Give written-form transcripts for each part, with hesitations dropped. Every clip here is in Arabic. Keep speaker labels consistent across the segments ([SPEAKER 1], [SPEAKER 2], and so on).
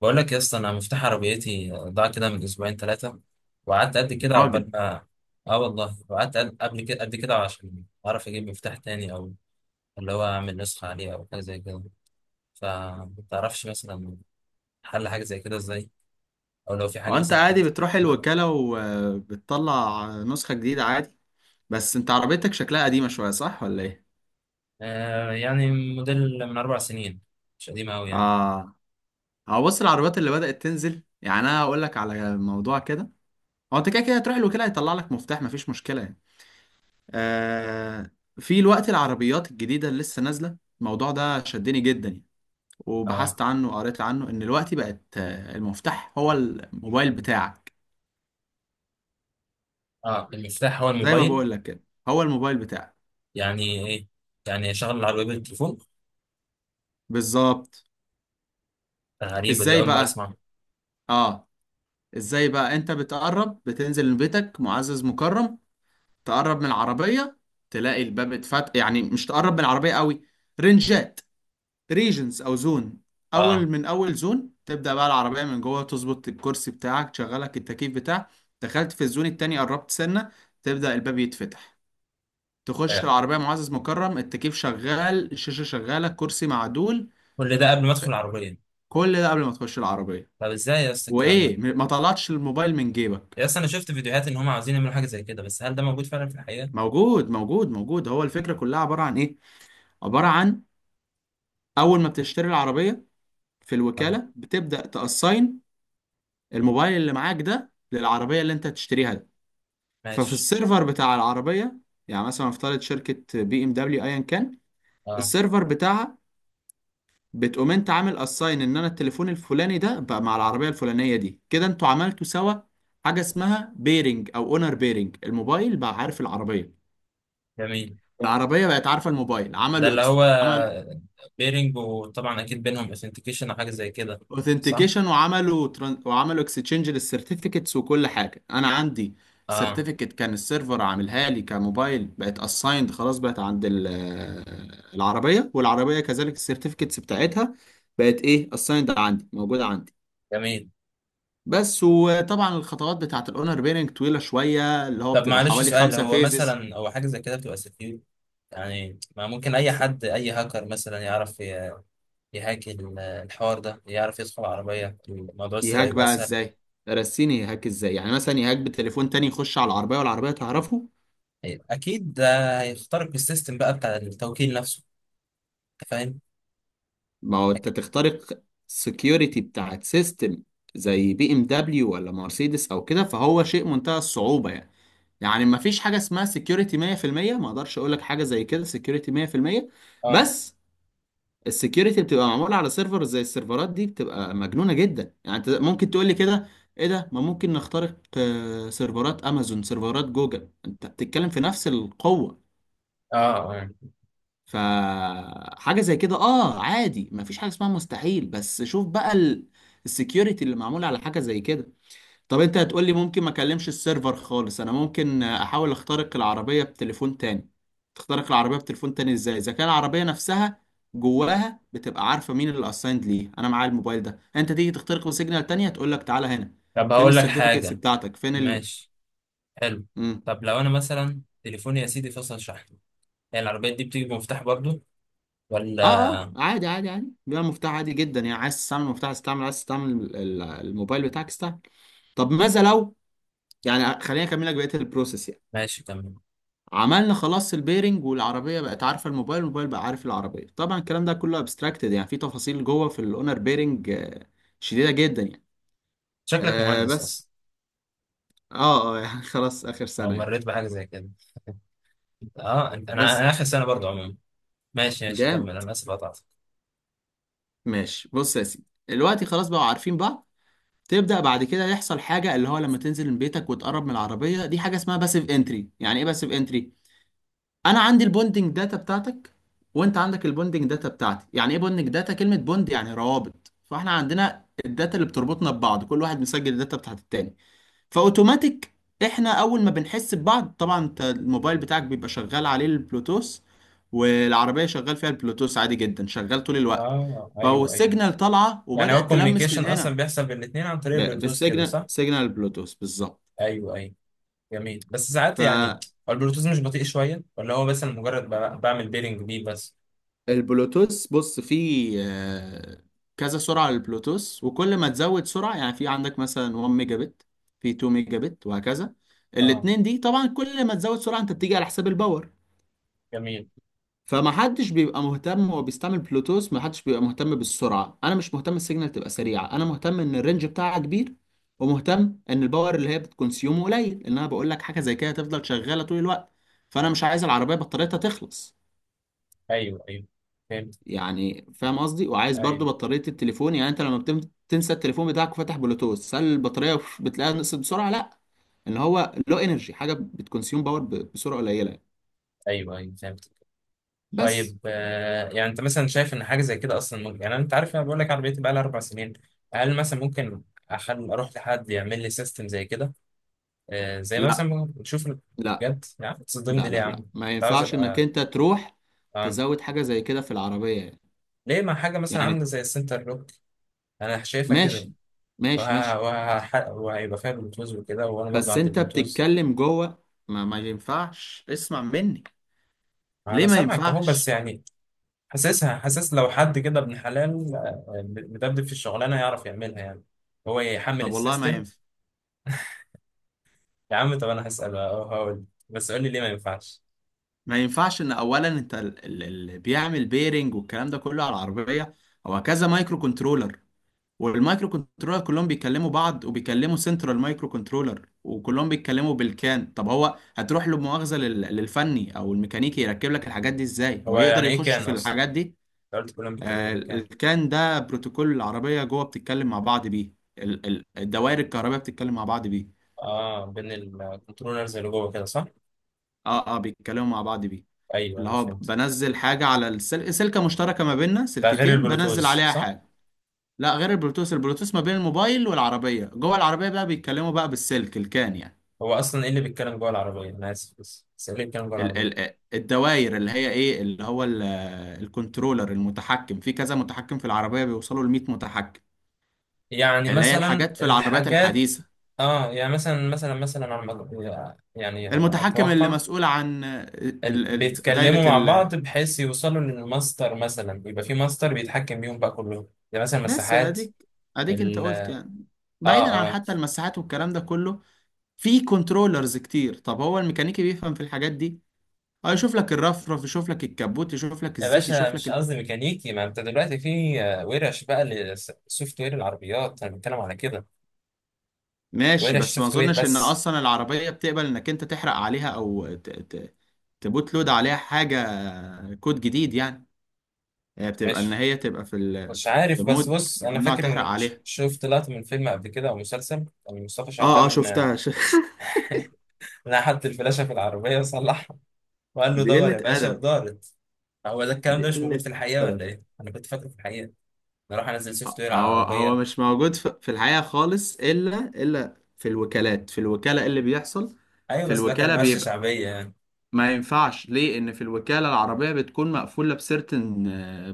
[SPEAKER 1] بقول لك يا اسطى، انا مفتاح عربيتي ضاع كده من اسبوعين ثلاثه، وقعدت قد
[SPEAKER 2] يا
[SPEAKER 1] كده
[SPEAKER 2] راجل،
[SPEAKER 1] عقبال ما. اه والله، وقعدت قبل كده قد كده عشان اعرف اجيب مفتاح تاني، او اللي هو اعمل نسخه عليه او حاجه زي كده. فمتعرفش مثلا، حل حاجه زي كده ازاي، او لو في حاجه
[SPEAKER 2] هو انت
[SPEAKER 1] مثلا
[SPEAKER 2] عادي
[SPEAKER 1] حديثه.
[SPEAKER 2] بتروح
[SPEAKER 1] نعم.
[SPEAKER 2] الوكالة وبتطلع نسخة جديدة عادي؟ بس انت عربيتك شكلها قديمة شوية، صح ولا ايه؟
[SPEAKER 1] آه يعني موديل من 4 سنين، مش قديم قوي يعني.
[SPEAKER 2] اه. هو بص، العربيات اللي بدأت تنزل يعني انا هقول لك على موضوع كده. هو انت كده كده هتروح الوكالة هيطلع لك مفتاح، مفيش مشكلة يعني. آه، في الوقت العربيات الجديدة اللي لسه نازلة، الموضوع ده شدني جدا يعني،
[SPEAKER 1] اه،
[SPEAKER 2] وبحثت عنه وقريت عنه ان الوقت بقت المفتاح هو الموبايل بتاعك.
[SPEAKER 1] اه، المفتاح هو
[SPEAKER 2] زي ما
[SPEAKER 1] الموبايل.
[SPEAKER 2] بقول لك كده، هو الموبايل بتاعك
[SPEAKER 1] يعني ايه، يعني شغل العربيه بالتليفون؟
[SPEAKER 2] بالظبط.
[SPEAKER 1] غريبه، دي
[SPEAKER 2] ازاي
[SPEAKER 1] اول مره
[SPEAKER 2] بقى؟
[SPEAKER 1] اسمعها.
[SPEAKER 2] اه، ازاي بقى؟ انت بتقرب، بتنزل من بيتك معزز مكرم، تقرب من العربية تلاقي الباب اتفتح، يعني مش تقرب من العربية قوي. رنجات، ريجنز او زون، اول
[SPEAKER 1] اه.
[SPEAKER 2] من اول زون تبدأ بقى العربية من جوه تظبط الكرسي بتاعك، تشغلك التكييف بتاعك. دخلت في الزون التاني، قربت سنة، تبدأ الباب يتفتح، تخش
[SPEAKER 1] آه.
[SPEAKER 2] العربية معزز مكرم، التكييف شغال، الشاشة شغالة، كرسي معدول.
[SPEAKER 1] كل ده قبل ما ادخل العربيه.
[SPEAKER 2] كل ده قبل ما تخش العربية.
[SPEAKER 1] طب ازاي يا اسطى الكلام ده؟
[SPEAKER 2] وايه، ما طلعتش الموبايل من جيبك.
[SPEAKER 1] يا اسطى انا شفت فيديوهات ان هم عاوزين يعملوا حاجه زي كده، بس هل ده موجود فعلا في الحقيقه؟
[SPEAKER 2] موجود موجود موجود. هو الفكرة كلها عبارة عن ايه؟ عبارة عن اول ما بتشتري العربية في
[SPEAKER 1] اه.
[SPEAKER 2] الوكالة بتبدأ تأساين الموبايل اللي معاك ده للعربية اللي انت هتشتريها ده. ففي
[SPEAKER 1] ماشي.
[SPEAKER 2] السيرفر بتاع العربية، يعني مثلا افترض شركة بي ام دبليو ايا كان،
[SPEAKER 1] اه.
[SPEAKER 2] السيرفر بتاعها، بتقوم انت عامل اساين ان انا التليفون الفلاني ده بقى مع العربية الفلانية دي، كده انتوا عملتوا سوا حاجة اسمها بيرنج او اونر بيرنج. الموبايل بقى عارف العربية،
[SPEAKER 1] جميل.
[SPEAKER 2] العربية بقت عارفة الموبايل،
[SPEAKER 1] ده
[SPEAKER 2] عملوا
[SPEAKER 1] اللي
[SPEAKER 2] إكس...
[SPEAKER 1] هو بيرنج، وطبعا اكيد بينهم اثنتيكيشن او حاجه زي كده، صح؟
[SPEAKER 2] اوثنتيكيشن، وعملوا تران... وعملوا اكستشينج للسيرتيفيكتس وكل حاجه. انا عندي
[SPEAKER 1] اه.
[SPEAKER 2] سيرتيفيكت كان السيرفر عاملها لي كموبايل، بقت اسايند، خلاص بقت عند ال- العربيه، والعربيه كذلك السيرتيفيكتس بتاعتها بقت ايه، اسايند عندي، موجوده عندي
[SPEAKER 1] جميل.
[SPEAKER 2] بس. وطبعا الخطوات بتاعه الاونر بيرنج طويله شويه، اللي هو
[SPEAKER 1] طب
[SPEAKER 2] بتبقى
[SPEAKER 1] معلش
[SPEAKER 2] حوالي
[SPEAKER 1] سؤال،
[SPEAKER 2] خمسة فيزز.
[SPEAKER 1] هو حاجه زي كده بتبقى سكيور؟ يعني ما ممكن اي حد، اي هاكر مثلا، يعرف يهاك الحوار ده، يعرف يدخل العربيه، الموضوع السرقه
[SPEAKER 2] يهاك
[SPEAKER 1] يبقى
[SPEAKER 2] بقى
[SPEAKER 1] اسهل.
[SPEAKER 2] ازاي؟ رسيني، يهاك ازاي؟ يعني مثلا يهاك بتليفون تاني يخش على العربيه والعربيه تعرفه.
[SPEAKER 1] اكيد ده هيخترق السيستم بقى بتاع التوكيل نفسه، انت فاهم؟
[SPEAKER 2] ما هو انت تخترق السكيورتي بتاعت سيستم زي بي ام دبليو ولا مرسيدس او كده، فهو شيء منتهى الصعوبة يعني. يعني ما فيش حاجة اسمها سكيورتي 100%، ما اقدرش اقول لك حاجة زي كده سكيورتي 100%.
[SPEAKER 1] اه.
[SPEAKER 2] بس السكيورتي بتبقى معمولة على سيرفر، زي السيرفرات دي بتبقى مجنونة جدا يعني. انت ممكن تقول لي كده، ايه ده، ما ممكن نخترق سيرفرات امازون، سيرفرات جوجل، انت بتتكلم في نفس القوة.
[SPEAKER 1] اه. اه.
[SPEAKER 2] فحاجة زي كده اه عادي، مفيش حاجة اسمها مستحيل. بس شوف بقى ال... السكيورتي اللي معمولة على حاجة زي كده. طب انت هتقولي ممكن ما اكلمش السيرفر خالص، انا ممكن احاول اخترق العربية بتليفون تاني. تخترق العربية بتليفون تاني ازاي اذا كان العربية نفسها جواها بتبقى عارفة مين اللي اسايند ليه؟ انا معايا الموبايل ده، انت تيجي تخترقه سيجنال تانية تقول لك تعالى هنا،
[SPEAKER 1] طب
[SPEAKER 2] فين
[SPEAKER 1] هقول لك
[SPEAKER 2] السيرتيفيكتس
[SPEAKER 1] حاجة.
[SPEAKER 2] بتاعتك، فين ال...
[SPEAKER 1] ماشي. حلو.
[SPEAKER 2] مم.
[SPEAKER 1] طب لو انا مثلا تليفوني يا سيدي فصل شحن، هي العربية دي بتيجي بمفتاح برضو، ولا؟
[SPEAKER 2] اه اه، عادي عادي عادي، بيبقى مفتاح عادي جدا يعني. عايز تستعمل المفتاح استعمل، عايز تستعمل الموبايل بتاعك استعمل. طب ماذا لو، يعني خليني اكمل لك بقيه البروسيس يعني.
[SPEAKER 1] ماشي تمام.
[SPEAKER 2] عملنا خلاص البيرنج، والعربيه بقت عارفه الموبايل، الموبايل بقى عارف العربيه. طبعا الكلام ده كله ابستراكتد، يعني في تفاصيل جوه في الاونر بيرنج شديده جدا يعني.
[SPEAKER 1] شكلك
[SPEAKER 2] آه
[SPEAKER 1] مهندس
[SPEAKER 2] بس.
[SPEAKER 1] اصلا،
[SPEAKER 2] اه اه يعني خلاص اخر
[SPEAKER 1] او
[SPEAKER 2] سنه يعني.
[SPEAKER 1] مريت بحاجة زي كده؟ اه انت، انا
[SPEAKER 2] بس.
[SPEAKER 1] انا اخر سنة برضو عموما. ماشي ماشي،
[SPEAKER 2] جامد.
[SPEAKER 1] كمل، انا اسف قطعتك.
[SPEAKER 2] ماشي، بص يا سيدي، دلوقتي خلاص بقوا عارفين بعض. تبدأ بعد كده يحصل حاجة، اللي هو لما تنزل من بيتك وتقرب من العربية دي، حاجة اسمها باسيف انتري. يعني ايه باسيف انتري؟ انا عندي البوندنج داتا بتاعتك، وانت عندك البوندنج داتا بتاعتي. يعني ايه بوندنج داتا؟ كلمة بوند يعني روابط، فاحنا عندنا الداتا اللي بتربطنا ببعض، كل واحد مسجل الداتا بتاعت التاني. فاوتوماتيك احنا اول ما بنحس ببعض، طبعا انت الموبايل بتاعك بيبقى شغال عليه البلوتوث، والعربية شغال فيها البلوتوث عادي جدا، شغال طول الوقت.
[SPEAKER 1] اه. ايوه، ايوه.
[SPEAKER 2] فالسيجنال طالعة
[SPEAKER 1] يعني هو
[SPEAKER 2] وبدأت تلمس
[SPEAKER 1] الكوميونيكيشن
[SPEAKER 2] من
[SPEAKER 1] اصلا
[SPEAKER 2] هنا.
[SPEAKER 1] بيحصل بين الاثنين عن طريق البلوتوث كده،
[SPEAKER 2] بالسيجنال،
[SPEAKER 1] صح؟
[SPEAKER 2] سيجنال بلوتوث بالظبط.
[SPEAKER 1] ايوه، ايوه. جميل بس ساعات يعني، هو البلوتوث مش بطيء شوية؟ ولا هو بس أنا مجرد بعمل بيرنج بيه بس؟
[SPEAKER 2] فالبلوتوث، بص فيه كذا سرعة للبلوتوث، وكل ما تزود سرعة، يعني في عندك مثلا 1 ميجا بت، في 2 ميجا بت، وهكذا.
[SPEAKER 1] اه.
[SPEAKER 2] الاتنين دي، طبعا كل ما تزود سرعة انت بتيجي على حساب الباور.
[SPEAKER 1] جميل.
[SPEAKER 2] فما حدش بيبقى مهتم، هو بيستعمل بلوتوث، ما حدش بيبقى مهتم بالسرعه، انا مش مهتم السيجنال تبقى سريعه، انا مهتم ان الرينج بتاعها كبير، ومهتم ان الباور اللي هي بتكونسيوم قليل، ان انا بقول لك حاجه زي كده تفضل شغاله طول الوقت. فانا مش عايز العربيه بطاريتها تخلص.
[SPEAKER 1] ايوه، ايوه، فهمت.
[SPEAKER 2] يعني فاهم قصدي؟ وعايز برضو
[SPEAKER 1] ايوه،
[SPEAKER 2] بطاريه التليفون، يعني انت لما تنسى التليفون بتاعك وفاتح بلوتوث، هل البطاريه بتلاقيها نقصت بسرعه؟ لا، ان هو لو انرجي حاجه بتكونسيوم بسرعه قليله يعني.
[SPEAKER 1] ايوه، ايوه، فهمت.
[SPEAKER 2] بس.
[SPEAKER 1] طيب. يعني انت مثلا شايف ان حاجه زي كده اصلا ممكن؟ يعني انت عارف، انا بقول لك عربيتي بقى لها 4 سنين، هل مثلا ممكن اخل اروح لحد يعمل لي سيستم زي كده؟ آه، زي
[SPEAKER 2] لا
[SPEAKER 1] مثلا نشوف.
[SPEAKER 2] لا
[SPEAKER 1] بجد يعني تصدمني
[SPEAKER 2] لا
[SPEAKER 1] ليه يا
[SPEAKER 2] لا
[SPEAKER 1] عم؟
[SPEAKER 2] لا، ما
[SPEAKER 1] انت عاوز
[SPEAKER 2] ينفعش انك
[SPEAKER 1] ابقى.
[SPEAKER 2] انت تروح
[SPEAKER 1] اه.
[SPEAKER 2] تزود حاجة زي كده في العربية يعني.
[SPEAKER 1] ليه، ما حاجه مثلا
[SPEAKER 2] يعني
[SPEAKER 1] عامله زي السنتر لوك، انا شايفها كده.
[SPEAKER 2] ماشي ماشي ماشي.
[SPEAKER 1] وهيبقى فيها بلوتوث وكده، وانا برضه
[SPEAKER 2] بس
[SPEAKER 1] عندي
[SPEAKER 2] انت
[SPEAKER 1] بلوتوث.
[SPEAKER 2] بتتكلم جوه، ما ينفعش اسمع مني.
[SPEAKER 1] انا
[SPEAKER 2] ليه ما
[SPEAKER 1] سامعك اهو، بس
[SPEAKER 2] ينفعش؟
[SPEAKER 1] يعني حاسس لو حد كده ابن حلال، مدبدب في الشغلانه هيعرف يعملها يعني، هو يحمل
[SPEAKER 2] طب والله ما
[SPEAKER 1] السيستم.
[SPEAKER 2] ينفع.
[SPEAKER 1] يا عم طب انا هسال، هقول، بس قول لي ليه ما ينفعش.
[SPEAKER 2] ما ينفعش ان اولا انت اللي بيعمل بيرنج والكلام ده كله على العربية، هو كذا مايكرو كنترولر، والمايكرو كنترولر كلهم بيكلموا بعض وبيكلموا سنترال مايكرو كنترولر، وكلهم بيتكلموا بالكان. طب هو هتروح له مؤاخذة للفني او الميكانيكي يركب لك الحاجات دي ازاي؟ هو
[SPEAKER 1] هو
[SPEAKER 2] يقدر
[SPEAKER 1] يعني ايه
[SPEAKER 2] يخش
[SPEAKER 1] كان
[SPEAKER 2] في
[SPEAKER 1] اصلا؟
[SPEAKER 2] الحاجات دي؟
[SPEAKER 1] أنت قلت كلهم بيتكلموا بالكان.
[SPEAKER 2] الكان ده بروتوكول العربية جوه بتتكلم مع بعض بيه، الدوائر الكهربائية بتتكلم مع بعض بيه.
[SPEAKER 1] اه، بين الكنترولرز اللي جوه كده، صح؟
[SPEAKER 2] اه اه، بيتكلموا مع بعض بيه،
[SPEAKER 1] ايوه،
[SPEAKER 2] اللي
[SPEAKER 1] انا
[SPEAKER 2] هو
[SPEAKER 1] فهمت.
[SPEAKER 2] بنزل حاجة على السلك، سلكة مشتركة ما بيننا،
[SPEAKER 1] ده غير
[SPEAKER 2] سلكتين بنزل
[SPEAKER 1] البلوتوز،
[SPEAKER 2] عليها
[SPEAKER 1] صح؟
[SPEAKER 2] حاجة. لا، غير البلوتوث، البلوتوث ما بين الموبايل والعربية، جوه العربية بقى بيتكلموا بقى بالسلك الكان يعني.
[SPEAKER 1] هو اصلا ايه اللي بيتكلم جوه العربيه، انا اسف، بس ايه اللي بيتكلم جوه العربيه؟
[SPEAKER 2] الدوائر اللي هي ايه، اللي هو ال- الكنترولر المتحكم في كذا متحكم في العربية، بيوصلوا ل 100 متحكم،
[SPEAKER 1] يعني
[SPEAKER 2] اللي هي
[SPEAKER 1] مثلا
[SPEAKER 2] الحاجات في العربيات
[SPEAKER 1] الحاجات.
[SPEAKER 2] الحديثة.
[SPEAKER 1] اه يعني، مثلا على يعني،
[SPEAKER 2] المتحكم اللي
[SPEAKER 1] اتوقع.
[SPEAKER 2] مسؤول عن ال- ال- دايرة
[SPEAKER 1] بيتكلموا مع
[SPEAKER 2] ال...
[SPEAKER 1] بعض بحيث يوصلوا للماستر، مثلا يبقى في ماستر بيتحكم بيهم بقى كلهم، يعني مثلا
[SPEAKER 2] بس
[SPEAKER 1] مساحات.
[SPEAKER 2] اديك، اديك انت
[SPEAKER 1] ال
[SPEAKER 2] قلت يعني. بعيدا
[SPEAKER 1] اه.
[SPEAKER 2] عن
[SPEAKER 1] اه.
[SPEAKER 2] حتى المساحات والكلام ده كله، في كنترولرز كتير. طب هو الميكانيكي بيفهم في الحاجات دي؟ اه، يشوف لك الرفرف، يشوف لك الكبوت، يشوف لك
[SPEAKER 1] يا
[SPEAKER 2] الزيت،
[SPEAKER 1] باشا
[SPEAKER 2] يشوف
[SPEAKER 1] مش
[SPEAKER 2] لك.
[SPEAKER 1] قصدي ميكانيكي، ما انت دلوقتي في ورش بقى للسوفت وير العربيات، انا بتكلم على كده.
[SPEAKER 2] ماشي،
[SPEAKER 1] ورش
[SPEAKER 2] بس ما
[SPEAKER 1] سوفت وير
[SPEAKER 2] اظنش ان
[SPEAKER 1] بس.
[SPEAKER 2] اصلا العربية بتقبل انك انت تحرق عليها او ت... ت... تبوت لود عليها حاجة كود جديد يعني. هي بتبقى ان
[SPEAKER 1] مش
[SPEAKER 2] هي تبقى في ال...
[SPEAKER 1] مش
[SPEAKER 2] في في
[SPEAKER 1] عارف، بس
[SPEAKER 2] مود
[SPEAKER 1] بص انا
[SPEAKER 2] ممنوع
[SPEAKER 1] فاكر
[SPEAKER 2] تحرق
[SPEAKER 1] ان
[SPEAKER 2] عليها.
[SPEAKER 1] شفت لقطه من فيلم قبل كده او مسلسل، كان مصطفى
[SPEAKER 2] اه اه،
[SPEAKER 1] شعبان
[SPEAKER 2] شفتها ش...
[SPEAKER 1] لقى حد الفلاشه في العربيه وصلحها، وقال له
[SPEAKER 2] دي
[SPEAKER 1] دور
[SPEAKER 2] قلة
[SPEAKER 1] يا باشا
[SPEAKER 2] ادب.
[SPEAKER 1] ودارت. هو ده الكلام
[SPEAKER 2] دي
[SPEAKER 1] ده مش موجود
[SPEAKER 2] قلة
[SPEAKER 1] في الحقيقه، ولا
[SPEAKER 2] ادب.
[SPEAKER 1] ايه؟ انا كنت فاكره في الحقيقه، نروح انزل سوفت وير على
[SPEAKER 2] هو هو
[SPEAKER 1] العربيه.
[SPEAKER 2] مش موجود في في الحقيقة خالص، الا الا في الوكالات. في الوكالة إيه اللي بيحصل؟
[SPEAKER 1] ايوه
[SPEAKER 2] في
[SPEAKER 1] بس ده كان
[SPEAKER 2] الوكالة
[SPEAKER 1] ورشه
[SPEAKER 2] بيبقى،
[SPEAKER 1] شعبيه يعني.
[SPEAKER 2] ما ينفعش ليه، ان في الوكالة العربية بتكون مقفولة بسيرتن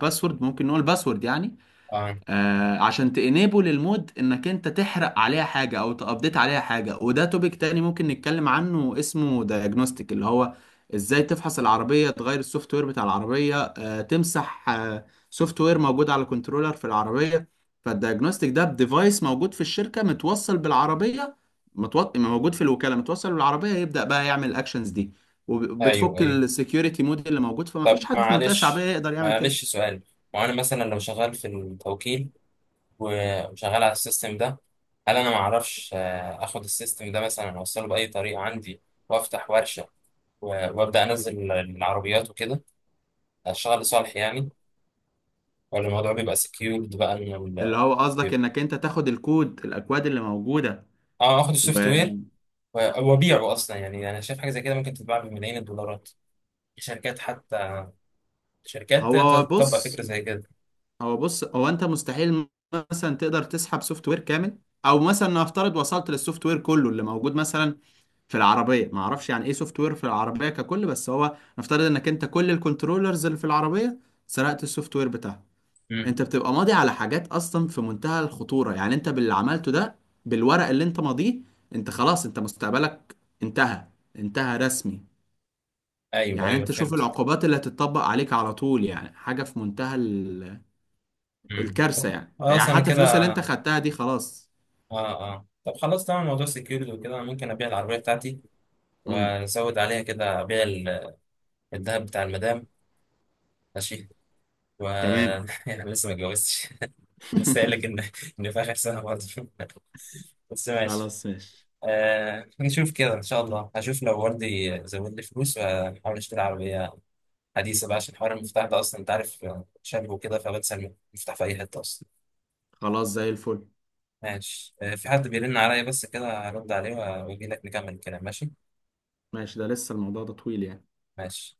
[SPEAKER 2] باسورد، ممكن نقول باسورد يعني،
[SPEAKER 1] اه.
[SPEAKER 2] آه، عشان تانيبل المود انك انت تحرق عليها حاجه او تابديت عليها حاجه. وده توبيك تاني ممكن نتكلم عنه اسمه دايجنوستيك، اللي هو ازاي تفحص العربيه، تغير السوفت وير بتاع العربيه، آه تمسح آه سوفت وير موجود على كنترولر في العربيه. فالدايجنوستيك ده بديفايس موجود في الشركه متوصل بالعربيه، متوط... موجود في الوكاله متوصل بالعربيه، يبدا بقى يعمل الاكشنز دي،
[SPEAKER 1] ايوه،
[SPEAKER 2] وبتفك
[SPEAKER 1] ايوه.
[SPEAKER 2] السكيورتي مود اللي موجود. فما فيش
[SPEAKER 1] طب
[SPEAKER 2] حد في منطقه شعبيه
[SPEAKER 1] معلش،
[SPEAKER 2] يقدر يعمل كده.
[SPEAKER 1] معلش سؤال، وانا مثلا لو شغال في التوكيل وشغال على السيستم ده، هل انا ما اعرفش اخد السيستم ده مثلا، اوصله باي طريقه عندي، وافتح ورشه و- وابدا انزل العربيات وكده، اشتغل لصالح يعني؟ ولا الموضوع بيبقى سكيورد بقى ان
[SPEAKER 2] اللي هو قصدك
[SPEAKER 1] بيبقى-
[SPEAKER 2] انك انت تاخد الكود، الاكواد اللي موجوده.
[SPEAKER 1] اه، اخد السوفت وير وابيعه اصلا يعني، انا شايف حاجه زي كده ممكن تتباع بملايين الدولارات. شركات حتى، شركات تقدر
[SPEAKER 2] وهو
[SPEAKER 1] تطبق
[SPEAKER 2] بص
[SPEAKER 1] فكرة زي كده.
[SPEAKER 2] هو بص هو انت مستحيل مثلا تقدر تسحب سوفت وير كامل. او مثلا نفترض وصلت للسوفت وير كله اللي موجود مثلا في العربيه، ما اعرفش يعني ايه سوفت وير في العربيه ككل، بس هو نفترض انك انت كل الكنترولرز اللي في العربيه سرقت السوفت وير بتاعها.
[SPEAKER 1] امم.
[SPEAKER 2] انت بتبقى ماضي على حاجات اصلا في منتهى الخطوره يعني. انت باللي عملته ده، بالورق اللي انت ماضيه، انت خلاص، انت مستقبلك انتهى، انتهى رسمي.
[SPEAKER 1] ايوه،
[SPEAKER 2] يعني
[SPEAKER 1] ايوه،
[SPEAKER 2] انت شوف
[SPEAKER 1] فهمت.
[SPEAKER 2] العقوبات اللي هتتطبق عليك على طول، يعني حاجة في منتهى
[SPEAKER 1] طب
[SPEAKER 2] الكارثة يعني.
[SPEAKER 1] خلاص
[SPEAKER 2] يعني
[SPEAKER 1] انا
[SPEAKER 2] حتى الفلوس اللي
[SPEAKER 1] كده.
[SPEAKER 2] انت خدتها دي خلاص.
[SPEAKER 1] اه، اه، طب خلاص تمام، موضوع سكيورتي وكده انا ممكن ابيع العربية بتاعتي
[SPEAKER 2] امم.
[SPEAKER 1] وازود عليها كده، ابيع الذهب بتاع المدام. ماشي. و
[SPEAKER 2] تمام.
[SPEAKER 1] يعني لسه ما اتجوزتش. بس قايل لك ان في اخر سنة برضه. بس ماشي.
[SPEAKER 2] خلاص ماشي.
[SPEAKER 1] آه نشوف كده ان شاء الله، هشوف لو والدي زود لي فلوس وهحاول اشتري عربية حديثة بقى، عشان حوار المفتاح ده اصلا انت عارف، شاب وكده فبنسى المفتاح في اي حتة اصلا.
[SPEAKER 2] خلاص زي الفل.
[SPEAKER 1] ماشي. في حد بيرن عليا، بس كده هرد عليه واجي لك نكمل الكلام. ماشي.
[SPEAKER 2] ماشي، ده لسه الموضوع ده طويل يعني.
[SPEAKER 1] ماشي.